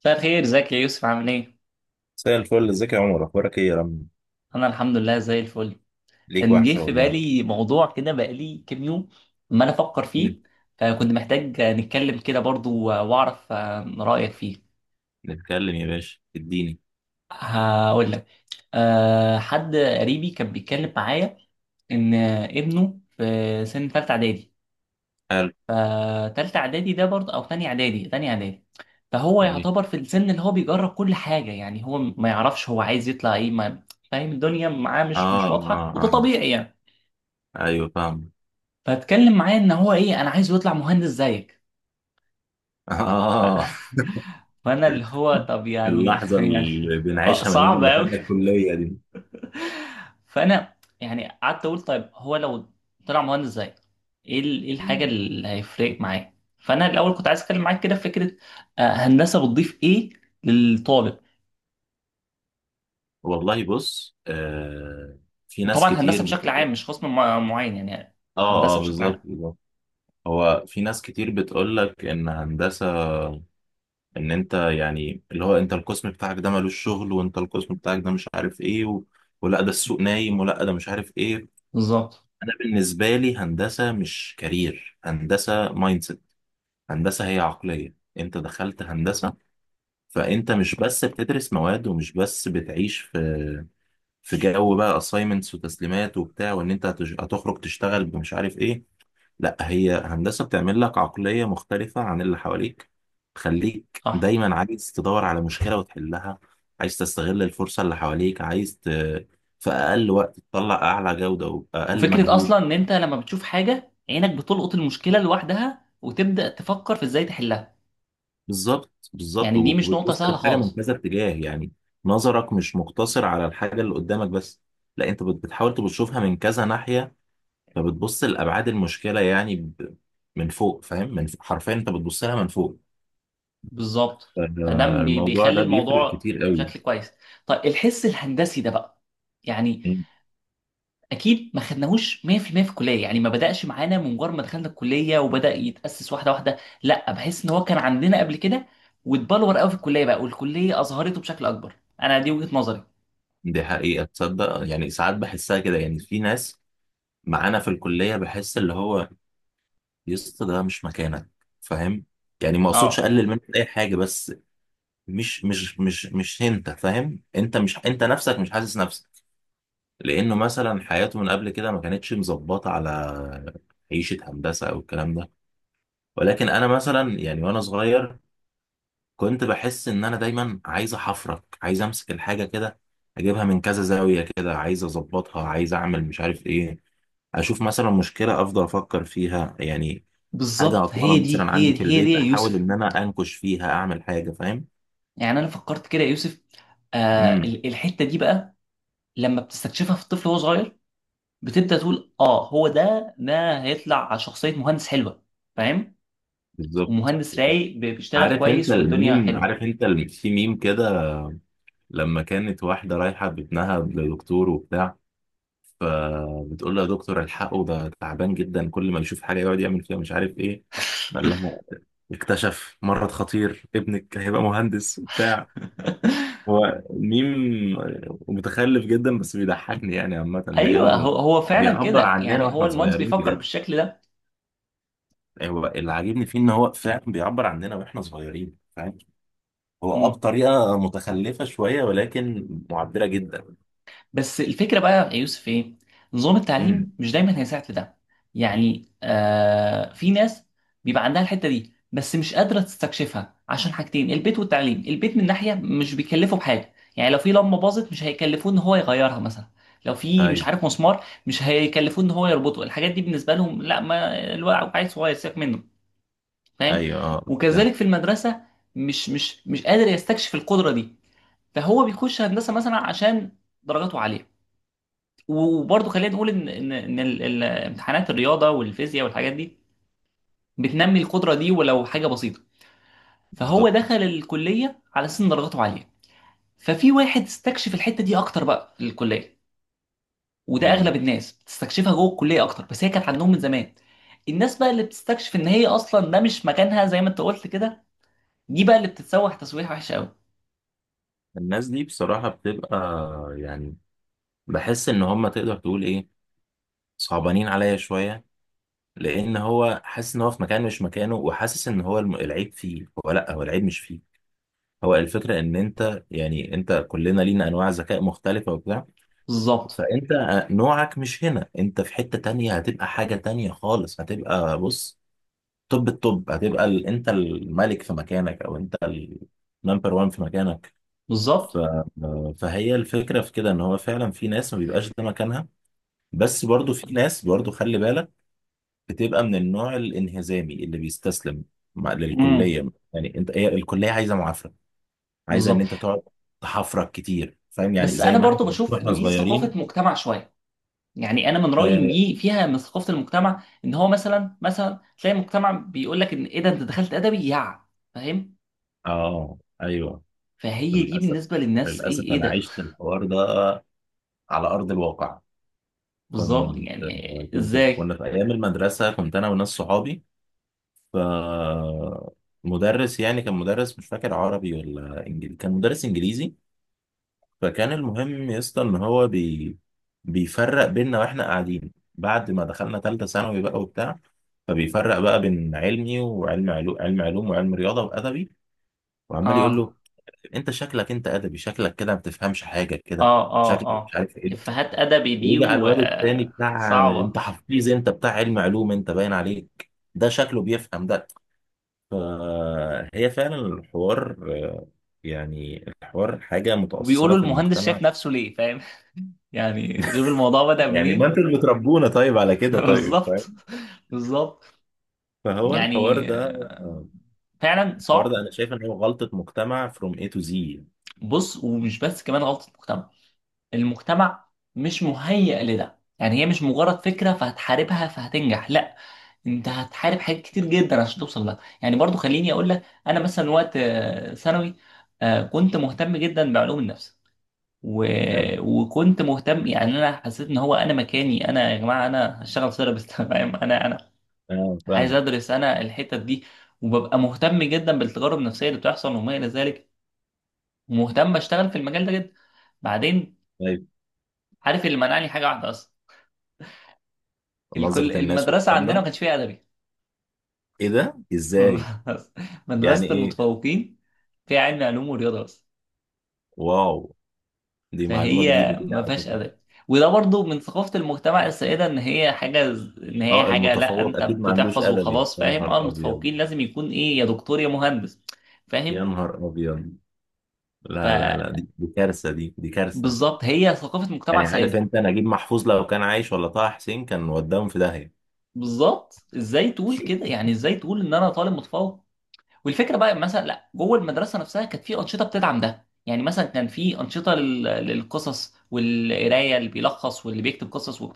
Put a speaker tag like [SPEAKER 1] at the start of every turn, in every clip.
[SPEAKER 1] مساء الخير، ازيك يا يوسف؟ عامل ايه؟
[SPEAKER 2] مساء الفل، ازيك يا عمر؟ اخبارك ايه يا رم؟
[SPEAKER 1] انا الحمد لله زي الفل.
[SPEAKER 2] ليك
[SPEAKER 1] كان جه
[SPEAKER 2] وحشه
[SPEAKER 1] في
[SPEAKER 2] والله.
[SPEAKER 1] بالي موضوع كده بقالي كام يوم ما انا افكر
[SPEAKER 2] مين؟
[SPEAKER 1] فيه. فكنت محتاج نتكلم كده برضو واعرف رأيك فيه.
[SPEAKER 2] نتكلم يا باشا، اديني.
[SPEAKER 1] هقول لك. حد قريبي كان بيتكلم معايا ان ابنه في سن ثالثه اعدادي.
[SPEAKER 2] قال
[SPEAKER 1] فتالتة اعدادي ده برضه او تانية اعدادي. فهو
[SPEAKER 2] ايه.
[SPEAKER 1] يعتبر في السن اللي هو بيجرب كل حاجة. يعني هو ما يعرفش هو عايز يطلع ايه. ما فاهم الدنيا معاه، مش
[SPEAKER 2] اه،
[SPEAKER 1] واضحة،
[SPEAKER 2] اه،
[SPEAKER 1] وده
[SPEAKER 2] اه.
[SPEAKER 1] طبيعي يعني.
[SPEAKER 2] ايوه، فاهم.
[SPEAKER 1] فاتكلم معايا ان هو ايه، انا عايز يطلع مهندس زيك.
[SPEAKER 2] اه.
[SPEAKER 1] فانا اللي هو طب يعني
[SPEAKER 2] اللحظه
[SPEAKER 1] يعني
[SPEAKER 2] اللي بنعيشها من يوم
[SPEAKER 1] صعب
[SPEAKER 2] ما
[SPEAKER 1] قوي.
[SPEAKER 2] دخلنا الكليه دي.
[SPEAKER 1] فانا يعني قعدت اقول طيب هو لو طلع مهندس زيك ايه الحاجه
[SPEAKER 2] مم.
[SPEAKER 1] اللي هيفرق معاه؟ فانا الاول كنت عايز اتكلم معاك كده في فكره هندسه بتضيف ايه للطالب.
[SPEAKER 2] والله بص، في ناس
[SPEAKER 1] وطبعا
[SPEAKER 2] كتير
[SPEAKER 1] هندسه بشكل
[SPEAKER 2] بتقول
[SPEAKER 1] عام
[SPEAKER 2] لك.
[SPEAKER 1] مش قسم معين، يعني
[SPEAKER 2] اه،
[SPEAKER 1] هندسه
[SPEAKER 2] اه،
[SPEAKER 1] بشكل
[SPEAKER 2] بالظبط،
[SPEAKER 1] عام.
[SPEAKER 2] بالظبط. هو في ناس كتير بتقول لك ان هندسه، ان انت يعني اللي هو انت القسم بتاعك ده ملوش شغل، وانت القسم بتاعك ده مش عارف ايه. ولا ده السوق نايم، ولا ده مش عارف ايه.
[SPEAKER 1] بالظبط.
[SPEAKER 2] انا بالنسبه لي، هندسه مش كارير، هندسه مايند سيت. هندسه هي عقليه، انت دخلت هندسه، فانت مش بس بتدرس مواد ومش بس بتعيش في جو بقى اساينمنتس وتسليمات وبتاع، وان انت هتخرج تشتغل بمش عارف ايه. لا، هي هندسه بتعمل لك عقليه مختلفه عن اللي حواليك، تخليك
[SPEAKER 1] صح.
[SPEAKER 2] دايما عايز تدور على مشكله وتحلها، عايز تستغل الفرصه اللي حواليك، في اقل وقت تطلع اعلى جوده واقل
[SPEAKER 1] وفكره
[SPEAKER 2] مجهود.
[SPEAKER 1] اصلا ان انت لما بتشوف حاجه عينك بتلقط المشكله لوحدها، وتبدا تفكر في ازاي تحلها.
[SPEAKER 2] بالظبط، بالظبط.
[SPEAKER 1] يعني دي مش نقطه
[SPEAKER 2] وبتبص
[SPEAKER 1] سهله
[SPEAKER 2] للحاجه من
[SPEAKER 1] خالص.
[SPEAKER 2] كذا اتجاه يعني، نظرك مش مقتصر على الحاجه اللي قدامك بس، لا انت بتحاول تشوفها من كذا ناحيه، فبتبص لابعاد المشكله يعني، من فوق، فاهم؟ من فوق حرفيا انت بتبص لها من فوق.
[SPEAKER 1] بالظبط. فده
[SPEAKER 2] فالموضوع
[SPEAKER 1] بيخلي
[SPEAKER 2] ده بيفرق
[SPEAKER 1] الموضوع
[SPEAKER 2] كتير قوي.
[SPEAKER 1] بشكل كويس. طيب الحس الهندسي ده بقى، يعني
[SPEAKER 2] مم.
[SPEAKER 1] اكيد ما خدناهوش 100% في المية في الكليه، يعني ما بداش معانا من مجرد ما دخلنا الكليه وبدا يتاسس واحده واحده. لا، بحس ان هو كان عندنا قبل كده، واتبلور قوي في الكليه بقى، والكليه اظهرته بشكل اكبر. انا دي وجهه نظري.
[SPEAKER 2] دي حقيقه، تصدق يعني ساعات بحسها كده، يعني في ناس معانا في الكليه بحس اللي هو يسطا ده مش مكانك. فاهم؟ يعني ما اقصدش
[SPEAKER 1] اه
[SPEAKER 2] اقلل منك اي حاجه، بس مش انت فاهم، انت مش، انت نفسك مش حاسس نفسك، لانه مثلا حياته من قبل كده ما كانتش مظبطه على عيشه هندسه او الكلام ده. ولكن انا مثلا يعني، وانا صغير كنت بحس ان انا دايما عايز احفرك، عايز امسك الحاجه كده، اجيبها من كذا زاويه كده، عايز اظبطها، عايز اعمل مش عارف ايه، اشوف مثلا مشكله افضل افكر فيها يعني. حاجه
[SPEAKER 1] بالظبط،
[SPEAKER 2] عطلانه
[SPEAKER 1] هي
[SPEAKER 2] مثلا
[SPEAKER 1] دي هي
[SPEAKER 2] عندي
[SPEAKER 1] دي
[SPEAKER 2] في
[SPEAKER 1] هي دي
[SPEAKER 2] البيت،
[SPEAKER 1] يا
[SPEAKER 2] احاول
[SPEAKER 1] يوسف.
[SPEAKER 2] ان انا انكش فيها، اعمل حاجه، فاهم؟
[SPEAKER 1] يعني انا فكرت كده يا يوسف.
[SPEAKER 2] امم
[SPEAKER 1] الحته دي بقى لما بتستكشفها في الطفل وهو صغير، بتبدا تقول اه هو ده هيطلع شخصيه مهندس حلوه، فاهم؟
[SPEAKER 2] بالظبط.
[SPEAKER 1] ومهندس رايق بيشتغل
[SPEAKER 2] عارف انت
[SPEAKER 1] كويس والدنيا
[SPEAKER 2] الميم؟
[SPEAKER 1] حلوه.
[SPEAKER 2] عارف انت في ميم كده، لما كانت واحدة رايحة بابنها لدكتور وبتاع، فبتقول له يا دكتور، الحقه، ده تعبان جدا، كل ما يشوف حاجة يقعد يعمل فيها مش عارف ايه. قال لها اكتشف مرض خطير، ابنك هيبقى مهندس وبتاع. هو ميم متخلف جدا، بس بيضحكني يعني عامة،
[SPEAKER 1] ايوه،
[SPEAKER 2] لأنه
[SPEAKER 1] هو فعلا
[SPEAKER 2] بيعبر
[SPEAKER 1] كده،
[SPEAKER 2] عننا
[SPEAKER 1] يعني هو
[SPEAKER 2] واحنا
[SPEAKER 1] المهندس
[SPEAKER 2] صغيرين
[SPEAKER 1] بيفكر
[SPEAKER 2] بجد.
[SPEAKER 1] بالشكل ده.
[SPEAKER 2] هو اللي عاجبني فيه ان هو فعلا بيعبر عننا واحنا صغيرين، فاهم؟ هو
[SPEAKER 1] مم.
[SPEAKER 2] بطريقة متخلفة شوية، ولكن معبرة جدا.
[SPEAKER 1] بس الفكره بقى يا يوسف ايه، نظام التعليم
[SPEAKER 2] امم
[SPEAKER 1] مش دايما هيساعد في ده. يعني في ناس بيبقى عندها الحته دي، بس مش قادره تستكشفها عشان حاجتين: البيت والتعليم. البيت من ناحيه مش بيكلفه بحاجه، يعني لو في لمبه باظت مش هيكلفوه ان هو يغيرها مثلا. لو في مش
[SPEAKER 2] ايوه،
[SPEAKER 1] عارف مسمار مش هيكلفوه ان هو يربطه. الحاجات دي بالنسبه لهم لا، ما الواحد عيل صغير سيبك منه. فاهم؟
[SPEAKER 2] ايوه، اه، فهمت.
[SPEAKER 1] وكذلك في المدرسه مش قادر يستكشف القدره دي. فهو بيخش هندسه مثلا عشان درجاته عاليه. وبرضه خلينا نقول ان امتحانات الرياضه والفيزياء والحاجات دي بتنمي القدره دي ولو حاجه بسيطه. فهو دخل
[SPEAKER 2] بالظبط.
[SPEAKER 1] الكليه على اساس ان درجاته عاليه. ففي واحد استكشف الحته دي اكتر بقى في الكليه. وده
[SPEAKER 2] مم.
[SPEAKER 1] اغلب الناس بتستكشفها جوه الكليه اكتر، بس هي كانت عندهم من زمان. الناس بقى اللي بتستكشف ان هي اصلا ده مش مكانها، زي ما انت قلت كده، دي بقى اللي بتتسوح تسويح وحش قوي.
[SPEAKER 2] الناس دي بصراحة بتبقى يعني، بحس ان هم، تقدر تقول ايه، صعبانين عليا شوية، لان هو حاسس ان هو في مكان مش مكانه، وحاسس ان هو العيب فيه هو، لا، هو العيب مش فيه. هو الفكرة ان انت يعني، انت كلنا لينا انواع ذكاء مختلفة وبتاع،
[SPEAKER 1] بالظبط،
[SPEAKER 2] فانت نوعك مش هنا، انت في حتة تانية هتبقى حاجة تانية خالص، هتبقى بص، توب التوب، هتبقى انت الملك في مكانك، او انت النمبر وان في مكانك. ف...
[SPEAKER 1] بالظبط.
[SPEAKER 2] فهي الفكرة في كده، ان هو فعلا في ناس ما بيبقاش ده مكانها، بس برضو في ناس، برضو خلي بالك، بتبقى من النوع الانهزامي اللي بيستسلم
[SPEAKER 1] امم.
[SPEAKER 2] للكلية. يعني انت، هي الكلية عايزة معافرة، عايزة ان
[SPEAKER 1] بالظبط.
[SPEAKER 2] انت تقعد تحفرك كتير، فاهم؟ يعني
[SPEAKER 1] بس
[SPEAKER 2] زي
[SPEAKER 1] انا
[SPEAKER 2] ما احنا
[SPEAKER 1] برضو بشوف
[SPEAKER 2] واحنا
[SPEAKER 1] إن دي ثقافه
[SPEAKER 2] صغيرين.
[SPEAKER 1] مجتمع شويه. يعني انا من رايي ان
[SPEAKER 2] اه.
[SPEAKER 1] دي فيها من ثقافه المجتمع، ان هو مثلا تلاقي مجتمع بيقول لك ان ايه ده، انت دخلت ادبي يا... فاهم؟
[SPEAKER 2] ايوه.
[SPEAKER 1] فهي دي
[SPEAKER 2] للاسف،
[SPEAKER 1] بالنسبه للناس، ايه
[SPEAKER 2] للاسف،
[SPEAKER 1] ايه
[SPEAKER 2] انا
[SPEAKER 1] ده.
[SPEAKER 2] عشت الحوار ده على ارض الواقع.
[SPEAKER 1] بالظبط
[SPEAKER 2] كنت
[SPEAKER 1] يعني.
[SPEAKER 2] كنت كنا
[SPEAKER 1] ازاي.
[SPEAKER 2] في ايام المدرسه، كنت انا وناس صحابي، ف مدرس يعني، كان مدرس، مش فاكر عربي ولا انجليزي، كان مدرس انجليزي. فكان المهم يا اسطى ان هو بيفرق بيننا واحنا قاعدين، بعد ما دخلنا ثالثه ثانوي بقى وبتاع، فبيفرق بقى بين علمي، وعلم علوم، علم علوم وعلم رياضه وادبي، وعمال يقول
[SPEAKER 1] اه،
[SPEAKER 2] له: انت شكلك انت ادبي، شكلك كده ما بتفهمش حاجه كده،
[SPEAKER 1] اه، اه،
[SPEAKER 2] شكلك مش
[SPEAKER 1] اه.
[SPEAKER 2] عارف ايه.
[SPEAKER 1] افيهات ادبي دي
[SPEAKER 2] ويجي على
[SPEAKER 1] و
[SPEAKER 2] الواد التاني بتاع:
[SPEAKER 1] صعبه.
[SPEAKER 2] انت حفيظ، انت بتاع علم علوم، انت باين عليك ده، شكله بيفهم ده. فهي فعلا الحوار، آه، يعني الحوار حاجة متأصلة
[SPEAKER 1] وبيقولوا
[SPEAKER 2] في
[SPEAKER 1] المهندس
[SPEAKER 2] المجتمع.
[SPEAKER 1] شايف نفسه ليه، فاهم؟ يعني شوف الموضوع بدأ
[SPEAKER 2] يعني ما
[SPEAKER 1] منين.
[SPEAKER 2] انتوا اللي بتربونا، طيب على كده طيب،
[SPEAKER 1] بالظبط،
[SPEAKER 2] فاهم؟
[SPEAKER 1] بالظبط.
[SPEAKER 2] فهو الحوار
[SPEAKER 1] يعني
[SPEAKER 2] ده،
[SPEAKER 1] فعلا
[SPEAKER 2] الحوار ده
[SPEAKER 1] صعب.
[SPEAKER 2] انا شايف ان هو غلطة مجتمع from A to Z يعني.
[SPEAKER 1] بص، ومش بس كمان غلطة المجتمع. المجتمع مش مهيئ لده، يعني هي مش مجرد فكرة فهتحاربها فهتنجح. لا، انت هتحارب حاجات كتير جدا عشان توصل لها. يعني برضو خليني اقول لك، انا مثلا وقت ثانوي، كنت مهتم جدا بعلوم النفس، و...
[SPEAKER 2] فاهم؟
[SPEAKER 1] وكنت مهتم، يعني انا حسيت ان هو انا مكاني، انا يا جماعة انا هشتغل سيرابيست. فاهم؟ انا
[SPEAKER 2] اه،
[SPEAKER 1] عايز
[SPEAKER 2] فاهمك.
[SPEAKER 1] ادرس انا الحتت دي. وببقى مهتم جدا بالتجارب النفسية اللي بتحصل وما الى ذلك. ومهتم اشتغل في المجال ده جدا. بعدين،
[SPEAKER 2] طيب،
[SPEAKER 1] عارف اللي منعني حاجه واحده اصلا؟ الكل
[SPEAKER 2] نظرة الناس
[SPEAKER 1] المدرسه
[SPEAKER 2] والكلام
[SPEAKER 1] عندنا ما
[SPEAKER 2] ده.
[SPEAKER 1] كانش فيها ادبي.
[SPEAKER 2] ايه ده؟ ازاي؟
[SPEAKER 1] بس.
[SPEAKER 2] يعني
[SPEAKER 1] مدرسه
[SPEAKER 2] ايه؟
[SPEAKER 1] المتفوقين فيها علم علوم ورياضه بس.
[SPEAKER 2] واو، دي معلومة
[SPEAKER 1] فهي
[SPEAKER 2] جديدة دي
[SPEAKER 1] ما
[SPEAKER 2] على
[SPEAKER 1] فيهاش
[SPEAKER 2] فكرة.
[SPEAKER 1] ادب. وده برضو من ثقافه المجتمع السائده، ان هي
[SPEAKER 2] اه،
[SPEAKER 1] حاجه لا
[SPEAKER 2] المتفوق
[SPEAKER 1] انت
[SPEAKER 2] اكيد ما عندوش
[SPEAKER 1] بتحفظ
[SPEAKER 2] ادبي؟
[SPEAKER 1] وخلاص،
[SPEAKER 2] يا
[SPEAKER 1] فاهم؟ اه،
[SPEAKER 2] نهار ابيض،
[SPEAKER 1] المتفوقين لازم يكون ايه، يا دكتور يا مهندس.
[SPEAKER 2] يا
[SPEAKER 1] فاهم؟
[SPEAKER 2] نهار ابيض. لا، لا، لا، دي كارثه، دي كارثه.
[SPEAKER 1] فبالظبط، هي ثقافه مجتمع
[SPEAKER 2] يعني عارف
[SPEAKER 1] سائده.
[SPEAKER 2] انت نجيب محفوظ لو كان عايش، ولا طه حسين، كان وداهم في داهيه.
[SPEAKER 1] بالظبط، ازاي تقول كده، يعني ازاي تقول ان انا طالب متفوق؟ والفكره بقى مثلا، لا، جوه المدرسه نفسها كانت في انشطه بتدعم ده. يعني مثلا كان في انشطه للقصص والقرايه، اللي بيلخص واللي بيكتب قصص و...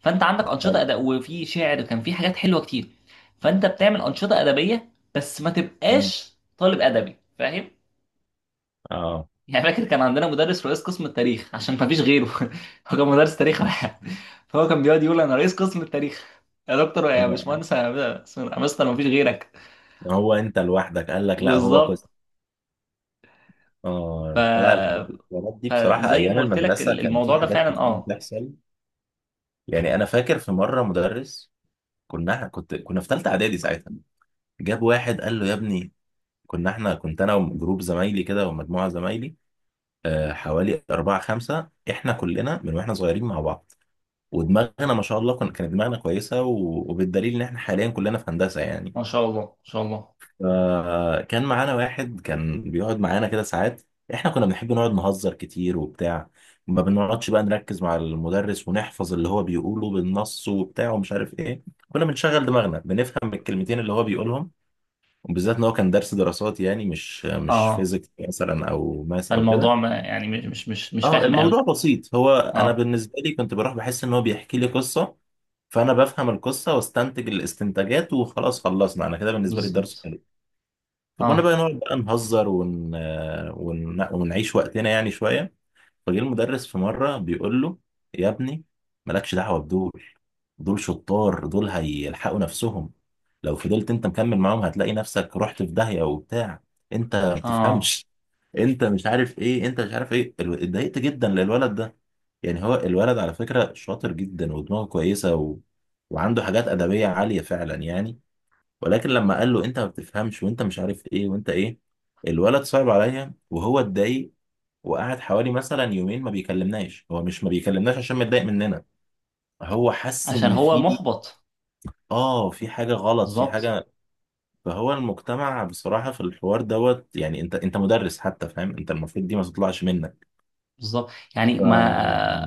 [SPEAKER 1] فانت عندك
[SPEAKER 2] طب
[SPEAKER 1] انشطه
[SPEAKER 2] حلو.
[SPEAKER 1] اداء وفي شعر، كان في حاجات حلوه كتير. فانت بتعمل انشطه ادبيه بس ما
[SPEAKER 2] مين؟
[SPEAKER 1] تبقاش طالب ادبي، فاهم؟
[SPEAKER 2] اه.
[SPEAKER 1] يعني فاكر كان عندنا مدرس رئيس قسم التاريخ عشان ما فيش غيره. هو كان مدرس تاريخ واحد. فهو كان بيقعد يقول انا رئيس قسم التاريخ. يا دكتور، يا
[SPEAKER 2] هو
[SPEAKER 1] باشمهندس، يا مستر، ما فيش غيرك.
[SPEAKER 2] هو انت لوحدك؟ قال لك لا، هو قصه.
[SPEAKER 1] بالظبط.
[SPEAKER 2] اه،
[SPEAKER 1] ف...
[SPEAKER 2] الحلقه، الحوارات دي بصراحه
[SPEAKER 1] فزي
[SPEAKER 2] ايام
[SPEAKER 1] ما قلت لك
[SPEAKER 2] المدرسه كان في
[SPEAKER 1] الموضوع ده
[SPEAKER 2] حاجات
[SPEAKER 1] فعلا
[SPEAKER 2] كتير
[SPEAKER 1] اه.
[SPEAKER 2] بتحصل. يعني انا فاكر في مره مدرس، كنا في ثالثه اعدادي ساعتها، جاب واحد قال له يا ابني. كنا احنا كنت انا وجروب زمايلي كده، ومجموعه زمايلي، حوالي أربعة خمسة، إحنا كلنا من وإحنا صغيرين مع بعض، ودماغنا ما شاء الله كانت دماغنا كويسة، و- وبالدليل إن إحنا حاليا كلنا في هندسة يعني.
[SPEAKER 1] ما شاء الله، ما شاء الله.
[SPEAKER 2] فكان معانا واحد كان بيقعد معانا كده ساعات، إحنا كنا بنحب نقعد نهزر كتير وبتاع، ما بنقعدش بقى نركز مع المدرس ونحفظ اللي هو بيقوله بالنص وبتاع ومش عارف إيه، كنا بنشغل دماغنا، بنفهم الكلمتين اللي هو بيقولهم، وبالذات إن هو كان درس دراسات يعني، مش
[SPEAKER 1] اه،
[SPEAKER 2] فيزيكس مثلا أو ماس أو
[SPEAKER 1] فالموضوع
[SPEAKER 2] كده.
[SPEAKER 1] ما يعني مش
[SPEAKER 2] اه،
[SPEAKER 1] فاهم
[SPEAKER 2] الموضوع
[SPEAKER 1] قوي.
[SPEAKER 2] بسيط، هو انا
[SPEAKER 1] اه،
[SPEAKER 2] بالنسبه لي كنت بروح بحس ان هو بيحكي لي قصه، فانا بفهم القصه واستنتج الاستنتاجات وخلاص، خلصنا انا كده، بالنسبه لي الدرس
[SPEAKER 1] بالظبط.
[SPEAKER 2] حلو. فكنا بقى
[SPEAKER 1] اه،
[SPEAKER 2] نقعد بقى نهزر، ونعيش وقتنا يعني شويه. فجه المدرس في مره بيقول له: يا ابني، مالكش دعوه بدول، دول شطار دول هيلحقوا نفسهم، لو فضلت انت مكمل معاهم هتلاقي نفسك رحت في داهيه وبتاع، انت ما
[SPEAKER 1] اه.
[SPEAKER 2] بتفهمش، انت مش عارف ايه، انت مش عارف ايه اتضايقت جدا للولد ده. يعني هو الولد على فكرة شاطر جدا ودماغه كويسة، وعنده حاجات أدبية عالية فعلا يعني. ولكن لما قال له انت ما بتفهمش، وانت مش عارف ايه، وانت ايه، الولد صعب عليا، وهو اتضايق، وقعد حوالي مثلا يومين ما بيكلمناش، هو مش ما بيكلمناش عشان متضايق مننا، هو حس
[SPEAKER 1] عشان
[SPEAKER 2] ان
[SPEAKER 1] هو
[SPEAKER 2] في،
[SPEAKER 1] محبط.
[SPEAKER 2] اه، في حاجة غلط، في
[SPEAKER 1] بالظبط،
[SPEAKER 2] حاجة. فهو المجتمع بصراحة في الحوار دوت. يعني انت مدرس حتى، فاهم؟ انت المفروض دي ما تطلعش منك.
[SPEAKER 1] بالظبط. يعني
[SPEAKER 2] ف-
[SPEAKER 1] ما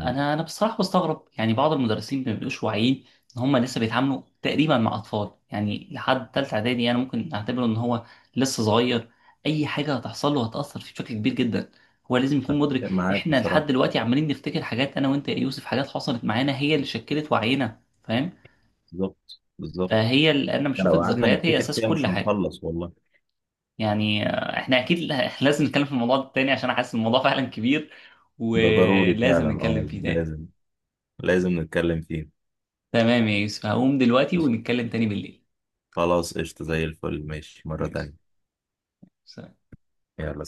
[SPEAKER 1] انا بصراحه بستغرب، يعني بعض المدرسين ما بيبقوش واعيين ان هم لسه بيتعاملوا تقريبا مع اطفال. يعني لحد ثالثه اعدادي انا ممكن اعتبره ان هو لسه صغير، اي حاجه هتحصل له هتاثر فيه بشكل كبير جدا، هو لازم يكون مدرك.
[SPEAKER 2] اتفق معاك
[SPEAKER 1] احنا لحد
[SPEAKER 2] بصراحة.
[SPEAKER 1] دلوقتي عمالين نفتكر حاجات، انا وانت يا يوسف، حاجات حصلت معانا هي اللي شكلت وعينا، فاهم؟
[SPEAKER 2] بالظبط، بالظبط.
[SPEAKER 1] فهي اللي انا بشوف
[SPEAKER 2] لو قعدنا
[SPEAKER 1] الذكريات هي
[SPEAKER 2] نفتكر
[SPEAKER 1] اساس
[SPEAKER 2] فيها
[SPEAKER 1] كل
[SPEAKER 2] مش
[SPEAKER 1] حاجه.
[SPEAKER 2] هنخلص والله.
[SPEAKER 1] يعني احنا اكيد لازم نتكلم في الموضوع ده تاني عشان احس الموضوع فعلا كبير،
[SPEAKER 2] ده ضروري فعلا،
[SPEAKER 1] ولازم نتكلم
[SPEAKER 2] اه،
[SPEAKER 1] فيه تاني.
[SPEAKER 2] لازم، لازم نتكلم فيه.
[SPEAKER 1] تمام يا يوسف، هقوم دلوقتي ونتكلم تاني بالليل.
[SPEAKER 2] خلاص، قشطة، زي الفل، ماشي مرة
[SPEAKER 1] ماشي،
[SPEAKER 2] تانية.
[SPEAKER 1] سلام.
[SPEAKER 2] يلا.